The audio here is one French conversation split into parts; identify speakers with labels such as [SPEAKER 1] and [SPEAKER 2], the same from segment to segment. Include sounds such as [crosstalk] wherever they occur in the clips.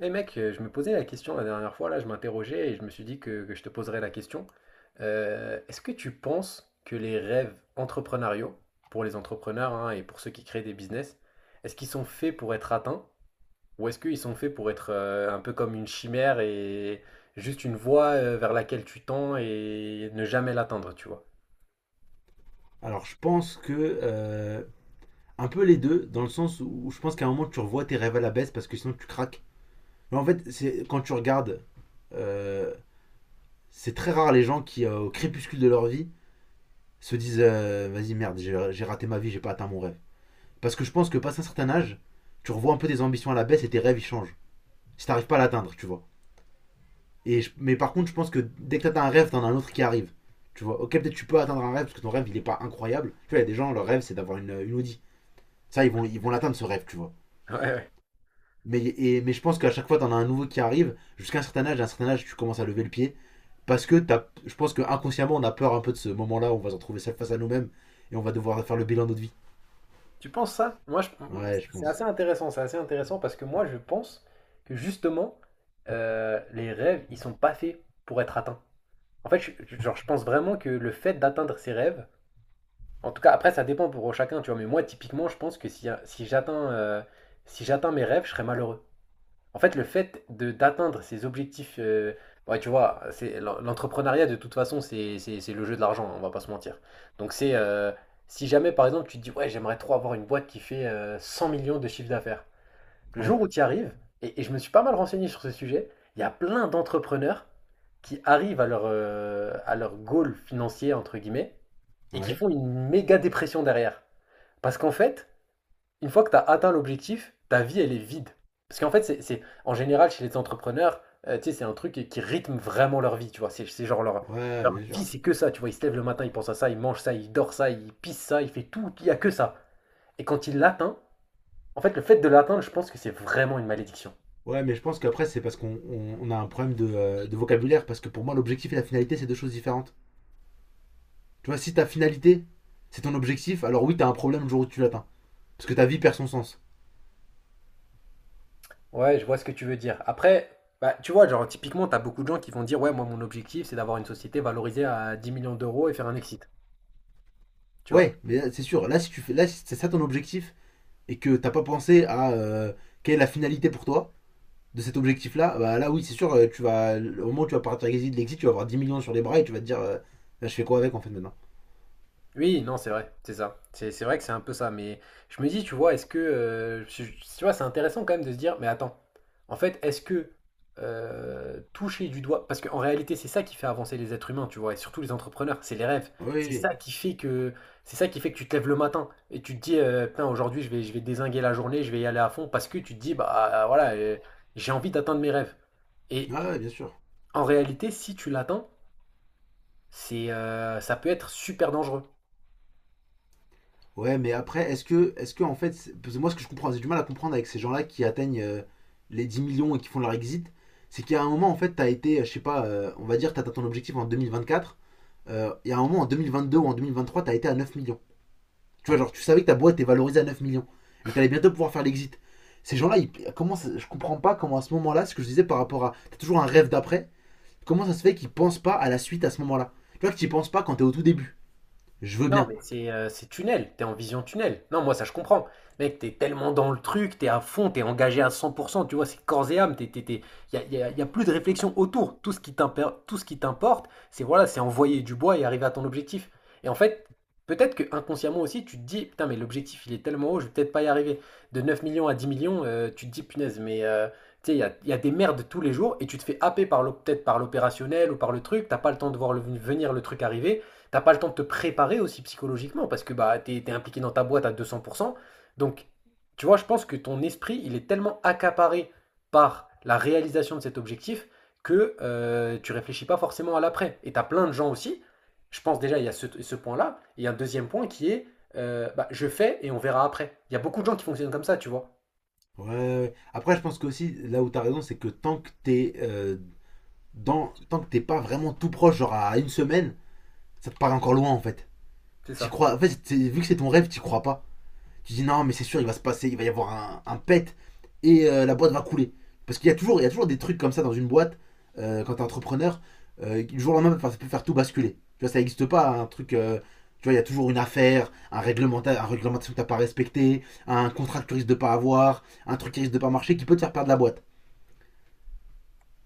[SPEAKER 1] Eh mec, je me posais la question la dernière fois, là, je m'interrogeais et je me suis dit que je te poserais la question. Est-ce que tu penses que les rêves entrepreneuriaux, pour les entrepreneurs hein, et pour ceux qui créent des business, est-ce qu'ils sont faits pour être atteints ou est-ce qu'ils sont faits pour être un peu comme une chimère et juste une voie vers laquelle tu tends et ne jamais l'atteindre, tu vois?
[SPEAKER 2] Alors, je pense que. euh, un peu les deux, dans le sens où je pense qu'à un moment, tu revois tes rêves à la baisse parce que sinon, tu craques. Mais en fait, c'est quand tu regardes. euh, c'est très rare les gens qui, au crépuscule de leur vie, se disent vas-y, merde, j'ai raté ma vie, j'ai pas atteint mon rêve. Parce que je pense que, passé un certain âge, tu revois un peu tes ambitions à la baisse et tes rêves, ils changent. Si t'arrives pas à l'atteindre, tu vois. Mais par contre, je pense que dès que t'atteins un rêve, t'en as un autre qui arrive. Tu vois, ok, peut-être tu peux atteindre un rêve parce que ton rêve il est pas incroyable. Tu vois, il y a des gens, leur rêve c'est d'avoir une Audi. Ça, ils vont l'atteindre ce rêve, tu vois.
[SPEAKER 1] [laughs] Ouais, ouais.
[SPEAKER 2] Mais je pense qu'à chaque fois, t'en as un nouveau qui arrive, jusqu'à un certain âge, à un certain âge, tu commences à lever le pied. Parce que t'as, je pense qu'inconsciemment, on a peur un peu de ce moment-là où on va se retrouver seul face à nous-mêmes et on va devoir faire le bilan de notre vie.
[SPEAKER 1] Tu penses ça? Moi, je-
[SPEAKER 2] Ouais, je pense.
[SPEAKER 1] c'est assez intéressant parce que moi, je pense que justement, les rêves, ils sont pas faits pour être atteints. En fait, genre, je pense vraiment que le fait d'atteindre ses rêves, en tout cas, après, ça dépend pour chacun, tu vois, mais moi, typiquement, je pense que si j'atteins mes rêves, je serais malheureux. En fait, le fait de d'atteindre ses objectifs, ouais, tu vois, c'est l'entrepreneuriat de toute façon, c'est le jeu de l'argent, hein, on va pas se mentir. Donc c'est si jamais par exemple tu te dis ouais, j'aimerais trop avoir une boîte qui fait 100 millions de chiffre d'affaires. Le
[SPEAKER 2] Ouais,
[SPEAKER 1] jour où tu y arrives, et je me suis pas mal renseigné sur ce sujet, il y a plein d'entrepreneurs qui arrivent à leur goal financier entre guillemets et qui
[SPEAKER 2] ouais,
[SPEAKER 1] font une méga dépression derrière. Parce qu'en fait, une fois que tu as atteint l'objectif, ta vie, elle est vide. Parce qu'en fait, en général, chez les entrepreneurs, tu sais, c'est un truc qui rythme vraiment leur vie, tu vois. C'est genre leur,
[SPEAKER 2] ouais,
[SPEAKER 1] leur
[SPEAKER 2] bien
[SPEAKER 1] vie,
[SPEAKER 2] sûr.
[SPEAKER 1] c'est que ça, tu vois. Ils se lèvent le matin, ils pensent à ça, ils mangent ça, ils dorment ça, ils pissent ça, ils font tout, il n'y a que ça. Et quand ils l'atteignent, en fait, le fait de l'atteindre, je pense que c'est vraiment une malédiction.
[SPEAKER 2] Ouais, mais je pense qu'après, c'est parce qu'on a un problème de vocabulaire. Parce que pour moi, l'objectif et la finalité, c'est deux choses différentes. Tu vois, si ta finalité, c'est ton objectif, alors oui, t'as un problème le jour où tu l'atteins. Parce que ta vie perd son sens.
[SPEAKER 1] Ouais, je vois ce que tu veux dire. Après, bah, tu vois, genre, typiquement, tu as beaucoup de gens qui vont dire, ouais, moi, mon objectif, c'est d'avoir une société valorisée à 10 millions d'euros et faire un exit, tu vois.
[SPEAKER 2] Ouais, mais là, c'est sûr. Là, si tu fais, là, si c'est ça ton objectif, et que t'as pas pensé à quelle est la finalité pour toi de cet objectif-là, bah là oui, c'est sûr, tu vas, au moment où tu vas partir avec l'exit, tu vas avoir 10 millions sur les bras et tu vas te dire, là, je fais quoi avec en fait maintenant.
[SPEAKER 1] Oui, non, c'est vrai, c'est ça. C'est vrai que c'est un peu ça. Mais je me dis, tu vois, est-ce que, tu vois, c'est intéressant quand même de se dire, mais attends, en fait, est-ce que toucher du doigt. Parce qu'en réalité, c'est ça qui fait avancer les êtres humains, tu vois, et surtout les entrepreneurs, c'est les rêves.
[SPEAKER 2] Oui, oui,
[SPEAKER 1] C'est
[SPEAKER 2] oui.
[SPEAKER 1] ça qui fait que. C'est ça qui fait que tu te lèves le matin et tu te dis, putain, aujourd'hui, je vais dézinguer la journée, je vais y aller à fond, parce que tu te dis, bah voilà, j'ai envie d'atteindre mes rêves. Et
[SPEAKER 2] Ah, ouais, bien sûr.
[SPEAKER 1] en réalité, si tu l'atteins, ça peut être super dangereux.
[SPEAKER 2] Ouais, mais après, est-ce que en fait, parce que moi ce que je comprends, j'ai du mal à comprendre avec ces gens-là qui atteignent les 10 millions et qui font leur exit, c'est qu'il y a un moment en fait, t'as été, je sais pas, on va dire, t'as atteint ton objectif en 2024, il y a un moment en 2022 ou en 2023, t'as été à 9 millions. Tu vois, genre, tu savais que ta boîte est valorisée à 9 millions et que tu allais bientôt pouvoir faire l'exit. Ces gens-là, je comprends pas comment à ce moment-là, ce que je disais par rapport à, t'as toujours un rêve d'après, comment ça se fait qu'ils pensent pas à la suite à ce moment-là. Tu vois que tu penses pas quand t'es au tout début. Je veux
[SPEAKER 1] Non,
[SPEAKER 2] bien.
[SPEAKER 1] mais c'est tunnel, t'es en vision tunnel. Non, moi ça je comprends. Mec, t'es tellement dans le truc, t'es à fond, t'es engagé à 100%, tu vois, c'est corps et âme, y a plus de réflexion autour. Tout ce qui t'importe, c'est voilà, c'est envoyer du bois et arriver à ton objectif. Et en fait, peut-être que inconsciemment aussi, tu te dis, putain, mais l'objectif il est tellement haut, je vais peut-être pas y arriver. De 9 millions à 10 millions, tu te dis, punaise, mais tu sais, il y a des merdes tous les jours et tu te fais happer par peut-être par l'opérationnel ou par le truc, t'as pas le temps de voir venir le truc arriver. T'as pas le temps de te préparer aussi psychologiquement parce que bah, t'es impliqué dans ta boîte à 200%. Donc, tu vois, je pense que ton esprit, il est tellement accaparé par la réalisation de cet objectif que tu réfléchis pas forcément à l'après. Et t'as plein de gens aussi. Je pense déjà, il y a ce point-là. Et il y a un deuxième point qui est bah, je fais et on verra après. Il y a beaucoup de gens qui fonctionnent comme ça, tu vois.
[SPEAKER 2] Ouais, ouais, ouais. Après, je pense qu'aussi, là où t'as raison, c'est que tant que t'es tant que t'es pas vraiment tout proche, genre à une semaine, ça te paraît encore loin en fait.
[SPEAKER 1] C'est
[SPEAKER 2] T'y
[SPEAKER 1] ça.
[SPEAKER 2] crois, en fait, vu que c'est ton rêve, t'y crois pas. Tu dis non, mais c'est sûr, il va se passer, il va y avoir un pet et la boîte va couler. Parce qu'il y a toujours des trucs comme ça dans une boîte, quand t'es entrepreneur, du jour au lendemain, ça peut faire tout basculer. Tu vois, ça n'existe pas, un truc. Tu vois, il y a toujours une affaire, un réglementaire, un réglementation que t'as pas respecté, un contrat que tu risques de pas avoir, un truc qui risque de pas marcher qui peut te faire perdre la boîte.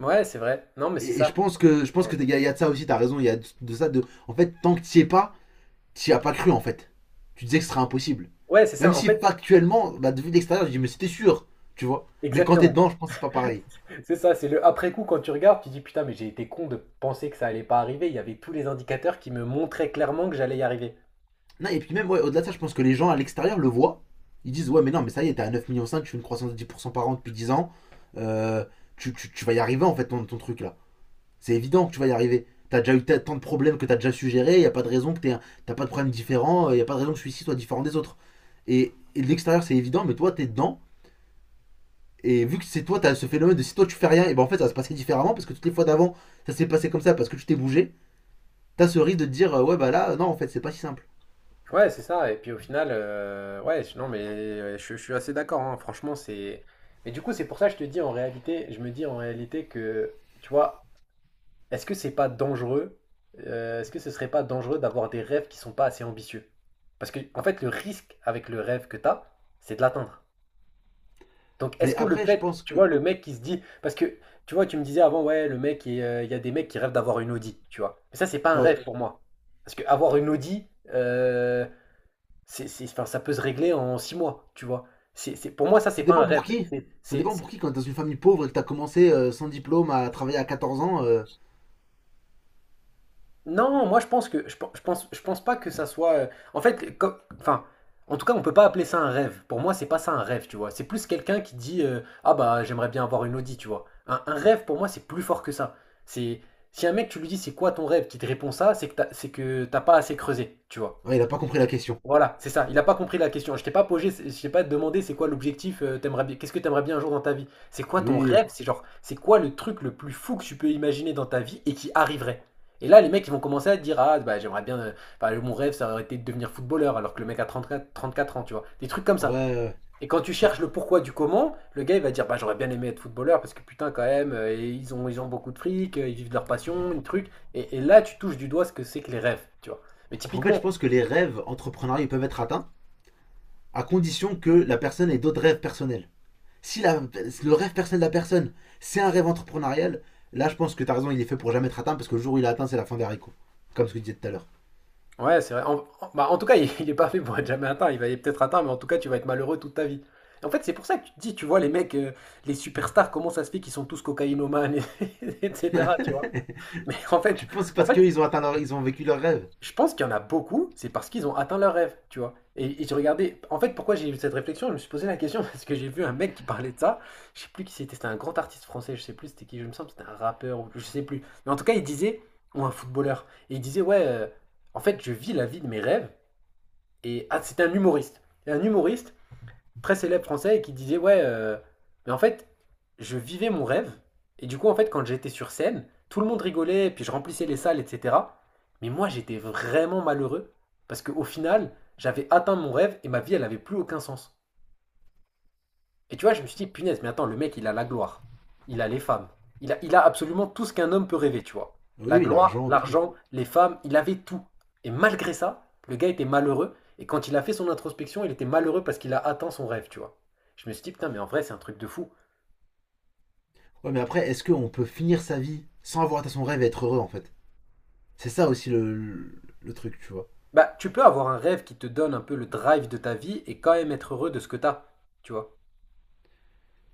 [SPEAKER 1] Ouais, c'est vrai. Non, mais c'est
[SPEAKER 2] Et je
[SPEAKER 1] ça.
[SPEAKER 2] pense que je pense que il y a de ça aussi, t'as raison, il y a de ça de. En fait, tant que t'y es pas, t'y as pas cru en fait. Tu disais que ce serait impossible.
[SPEAKER 1] Ouais, c'est
[SPEAKER 2] Même
[SPEAKER 1] ça. En
[SPEAKER 2] si
[SPEAKER 1] fait,
[SPEAKER 2] factuellement, bah, de vue d'extérieur, je dis mais c'était sûr, tu vois. Mais quand t'es
[SPEAKER 1] exactement.
[SPEAKER 2] dedans, je pense que c'est pas pareil.
[SPEAKER 1] C'est ça, c'est le après-coup quand tu regardes, tu dis putain, mais j'ai été con de penser que ça allait pas arriver. Il y avait tous les indicateurs qui me montraient clairement que j'allais y arriver.
[SPEAKER 2] Non, et puis même, ouais, au-delà de ça, je pense que les gens à l'extérieur le voient. Ils disent, ouais, mais non, mais ça y est, t'es à 9,5 millions, tu fais une croissance de 10% par an depuis 10 ans. Euh, tu vas y arriver en fait ton, ton truc là. C'est évident que tu vas y arriver. T'as déjà eu tant de problèmes que t'as déjà suggéré, il y a pas de raison que t'aies t'as pas de problème différent, il y a pas de raison que celui-ci soit différent des autres. Et de l'extérieur c'est évident, mais toi t'es dedans, et vu que c'est toi, t'as ce phénomène de si toi tu fais rien, et ben en fait ça va se passer différemment parce que toutes les fois d'avant ça s'est passé comme ça parce que tu t'es bougé, t'as ce risque de te dire ouais bah là non en fait c'est pas si simple.
[SPEAKER 1] Ouais, c'est ça. Et puis au final, ouais, non, mais je suis assez d'accord, hein. Franchement, c'est. Mais du coup, c'est pour ça que je te dis en réalité, je me dis en réalité que, tu vois, est-ce que c'est pas dangereux? Est-ce que ce serait pas dangereux d'avoir des rêves qui sont pas assez ambitieux? Parce que, en fait, le risque avec le rêve que t'as, c'est de l'atteindre. Donc, est-ce
[SPEAKER 2] Mais
[SPEAKER 1] que le
[SPEAKER 2] après je
[SPEAKER 1] fait,
[SPEAKER 2] pense
[SPEAKER 1] tu vois,
[SPEAKER 2] que
[SPEAKER 1] le mec qui se dit, parce que, tu vois, tu me disais avant, ouais, le mec, il y a des mecs qui rêvent d'avoir une Audi, tu vois. Mais ça, c'est pas un
[SPEAKER 2] ouais,
[SPEAKER 1] rêve pour moi. Parce que avoir une Audi, euh, enfin, ça peut se régler en 6 mois, tu vois. Pour moi, ça, c'est
[SPEAKER 2] ça
[SPEAKER 1] pas un
[SPEAKER 2] dépend
[SPEAKER 1] rêve.
[SPEAKER 2] pour qui. Ça dépend
[SPEAKER 1] C'est
[SPEAKER 2] pour qui quand t'es dans une famille pauvre et que t'as commencé sans diplôme à travailler à 14 ans,
[SPEAKER 1] Non, moi je pense que je pense pas que ça soit, en fait, comme, enfin, en tout cas, on peut pas appeler ça un rêve. Pour moi, c'est pas ça un rêve, tu vois. C'est plus quelqu'un qui dit ah bah j'aimerais bien avoir une Audi, tu vois. Un rêve pour moi, c'est plus fort que ça. C'est si un mec tu lui dis c'est quoi ton rêve, qui te répond ça, c'est que t'as pas assez creusé, tu vois.
[SPEAKER 2] ouais, il a pas compris la question.
[SPEAKER 1] Voilà, c'est ça. Il a pas compris la question. Je t'ai pas posé, je t'ai pas demandé c'est quoi l'objectif, t'aimerais bien, qu'est-ce que t'aimerais bien un jour dans ta vie? C'est quoi
[SPEAKER 2] Oui,
[SPEAKER 1] ton
[SPEAKER 2] oui,
[SPEAKER 1] rêve? C'est genre, c'est quoi le truc le plus fou que tu peux imaginer dans ta vie et qui arriverait? Et là, les mecs, ils vont commencer à te dire, ah, bah, j'aimerais bien, bah, mon rêve, ça aurait été de devenir footballeur, alors que le mec a trente-quatre ans, tu vois. Des trucs comme
[SPEAKER 2] oui, ouais.
[SPEAKER 1] ça.
[SPEAKER 2] euh.
[SPEAKER 1] Et quand tu cherches le pourquoi du comment, le gars, il va dire, bah, j'aurais bien aimé être footballeur, parce que putain, quand même, et ils ont beaucoup de fric, ils vivent de leur passion, une truc. Et là, tu touches du doigt ce que c'est que les rêves, tu vois. Mais
[SPEAKER 2] En fait je
[SPEAKER 1] typiquement.
[SPEAKER 2] pense que les rêves entrepreneuriaux peuvent être atteints à condition que la personne ait d'autres rêves personnels. Si la- le rêve personnel de la personne, c'est un rêve entrepreneurial, là je pense que t'as raison, il est fait pour jamais être atteint parce que le jour où il est atteint, c'est la fin des haricots. Comme ce que tu disais tout à l'heure.
[SPEAKER 1] Ouais, c'est vrai. Bah, en tout cas, [laughs] il est pas fait pour être jamais atteint. Il va peut-être atteint, mais en tout cas, tu vas être malheureux toute ta vie. En fait, c'est pour ça que tu te dis, tu vois, les mecs, les superstars, comment ça se fait qu'ils sont tous cocaïnomanes, [laughs] etc., tu vois. Mais en
[SPEAKER 2] [laughs]
[SPEAKER 1] fait,
[SPEAKER 2] Tu penses c'est
[SPEAKER 1] en
[SPEAKER 2] parce
[SPEAKER 1] fait,
[SPEAKER 2] qu'ils ont atteint ils ont vécu leur rêve?
[SPEAKER 1] je pense qu'il y en a beaucoup, c'est parce qu'ils ont atteint leur rêve, tu vois. Et j'ai regardé, en fait, pourquoi j'ai eu cette réflexion, je me suis posé la question, [laughs] parce que j'ai vu un mec qui parlait de ça. Je sais plus qui c'était, c'était un grand artiste français, je sais plus c'était qui, je me sens, c'était un rappeur, ou je sais plus. Mais en tout cas, il disait, ou un footballeur, et il disait, ouais, en fait, je vis la vie de mes rêves. Et ah, c'était un humoriste, un humoriste très célèbre français qui disait: ouais, mais en fait, je vivais mon rêve. Et du coup, en fait, quand j'étais sur scène, tout le monde rigolait, puis je remplissais les salles, etc. Mais moi, j'étais vraiment malheureux parce qu'au final, j'avais atteint mon rêve et ma vie, elle n'avait plus aucun sens. Et tu vois, je me suis dit, punaise, mais attends, le mec, il a la gloire. Il a les femmes. Il a absolument tout ce qu'un homme peut rêver, tu vois.
[SPEAKER 2] Oui,
[SPEAKER 1] La
[SPEAKER 2] oui,
[SPEAKER 1] gloire,
[SPEAKER 2] l'argent, tout.
[SPEAKER 1] l'argent, les femmes, il avait tout. Et malgré ça, le gars était malheureux. Et quand il a fait son introspection, il était malheureux parce qu'il a atteint son rêve, tu vois. Je me suis dit, putain, mais en vrai, c'est un truc de fou.
[SPEAKER 2] Ouais, mais après, est-ce qu'on peut finir sa vie sans avoir atteint son rêve et être heureux en fait? C'est ça aussi le truc, tu vois.
[SPEAKER 1] Bah, tu peux avoir un rêve qui te donne un peu le drive de ta vie et quand même être heureux de ce que t'as, tu vois.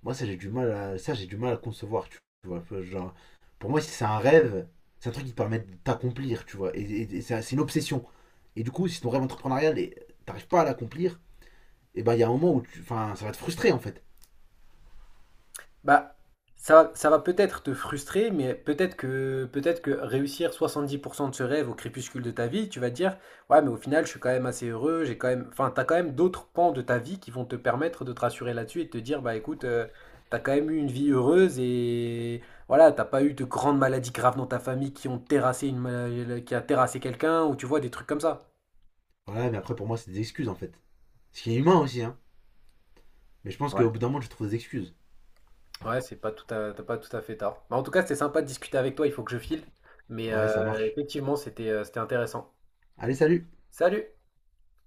[SPEAKER 2] Moi, ça j'ai du mal à concevoir, tu vois. Enfin, genre, pour moi, si c'est un rêve, c'est un truc qui te permet de t'accomplir, tu vois. Et c'est une obsession. Et du coup, si ton rêve entrepreneurial, t'arrives pas à l'accomplir, et ben il y a un moment où enfin, ça va te frustrer en fait.
[SPEAKER 1] Bah, ça va peut-être te frustrer, mais peut-être que réussir 70% de ce rêve au crépuscule de ta vie, tu vas te dire, ouais, mais au final, je suis quand même assez heureux, j'ai quand même, enfin, t'as quand même d'autres pans de ta vie qui vont te permettre de te rassurer là-dessus et de te dire, bah, écoute, t'as quand même eu une vie heureuse et voilà, t'as pas eu de grandes maladies graves dans ta famille qui ont terrassé qui a terrassé quelqu'un ou tu vois des trucs comme ça.
[SPEAKER 2] Voilà, mais après pour moi c'est des excuses en fait. Ce qui est humain aussi, hein. Mais je pense qu'au bout
[SPEAKER 1] Ouais.
[SPEAKER 2] d'un moment tu trouves des excuses.
[SPEAKER 1] Ouais, c'est pas tout à, t'as pas tout à fait tard. Bah, en tout cas, c'était sympa de discuter avec toi, il faut que je file. Mais
[SPEAKER 2] Ouais, ça marche.
[SPEAKER 1] effectivement, c'était intéressant.
[SPEAKER 2] Allez, salut.
[SPEAKER 1] Salut!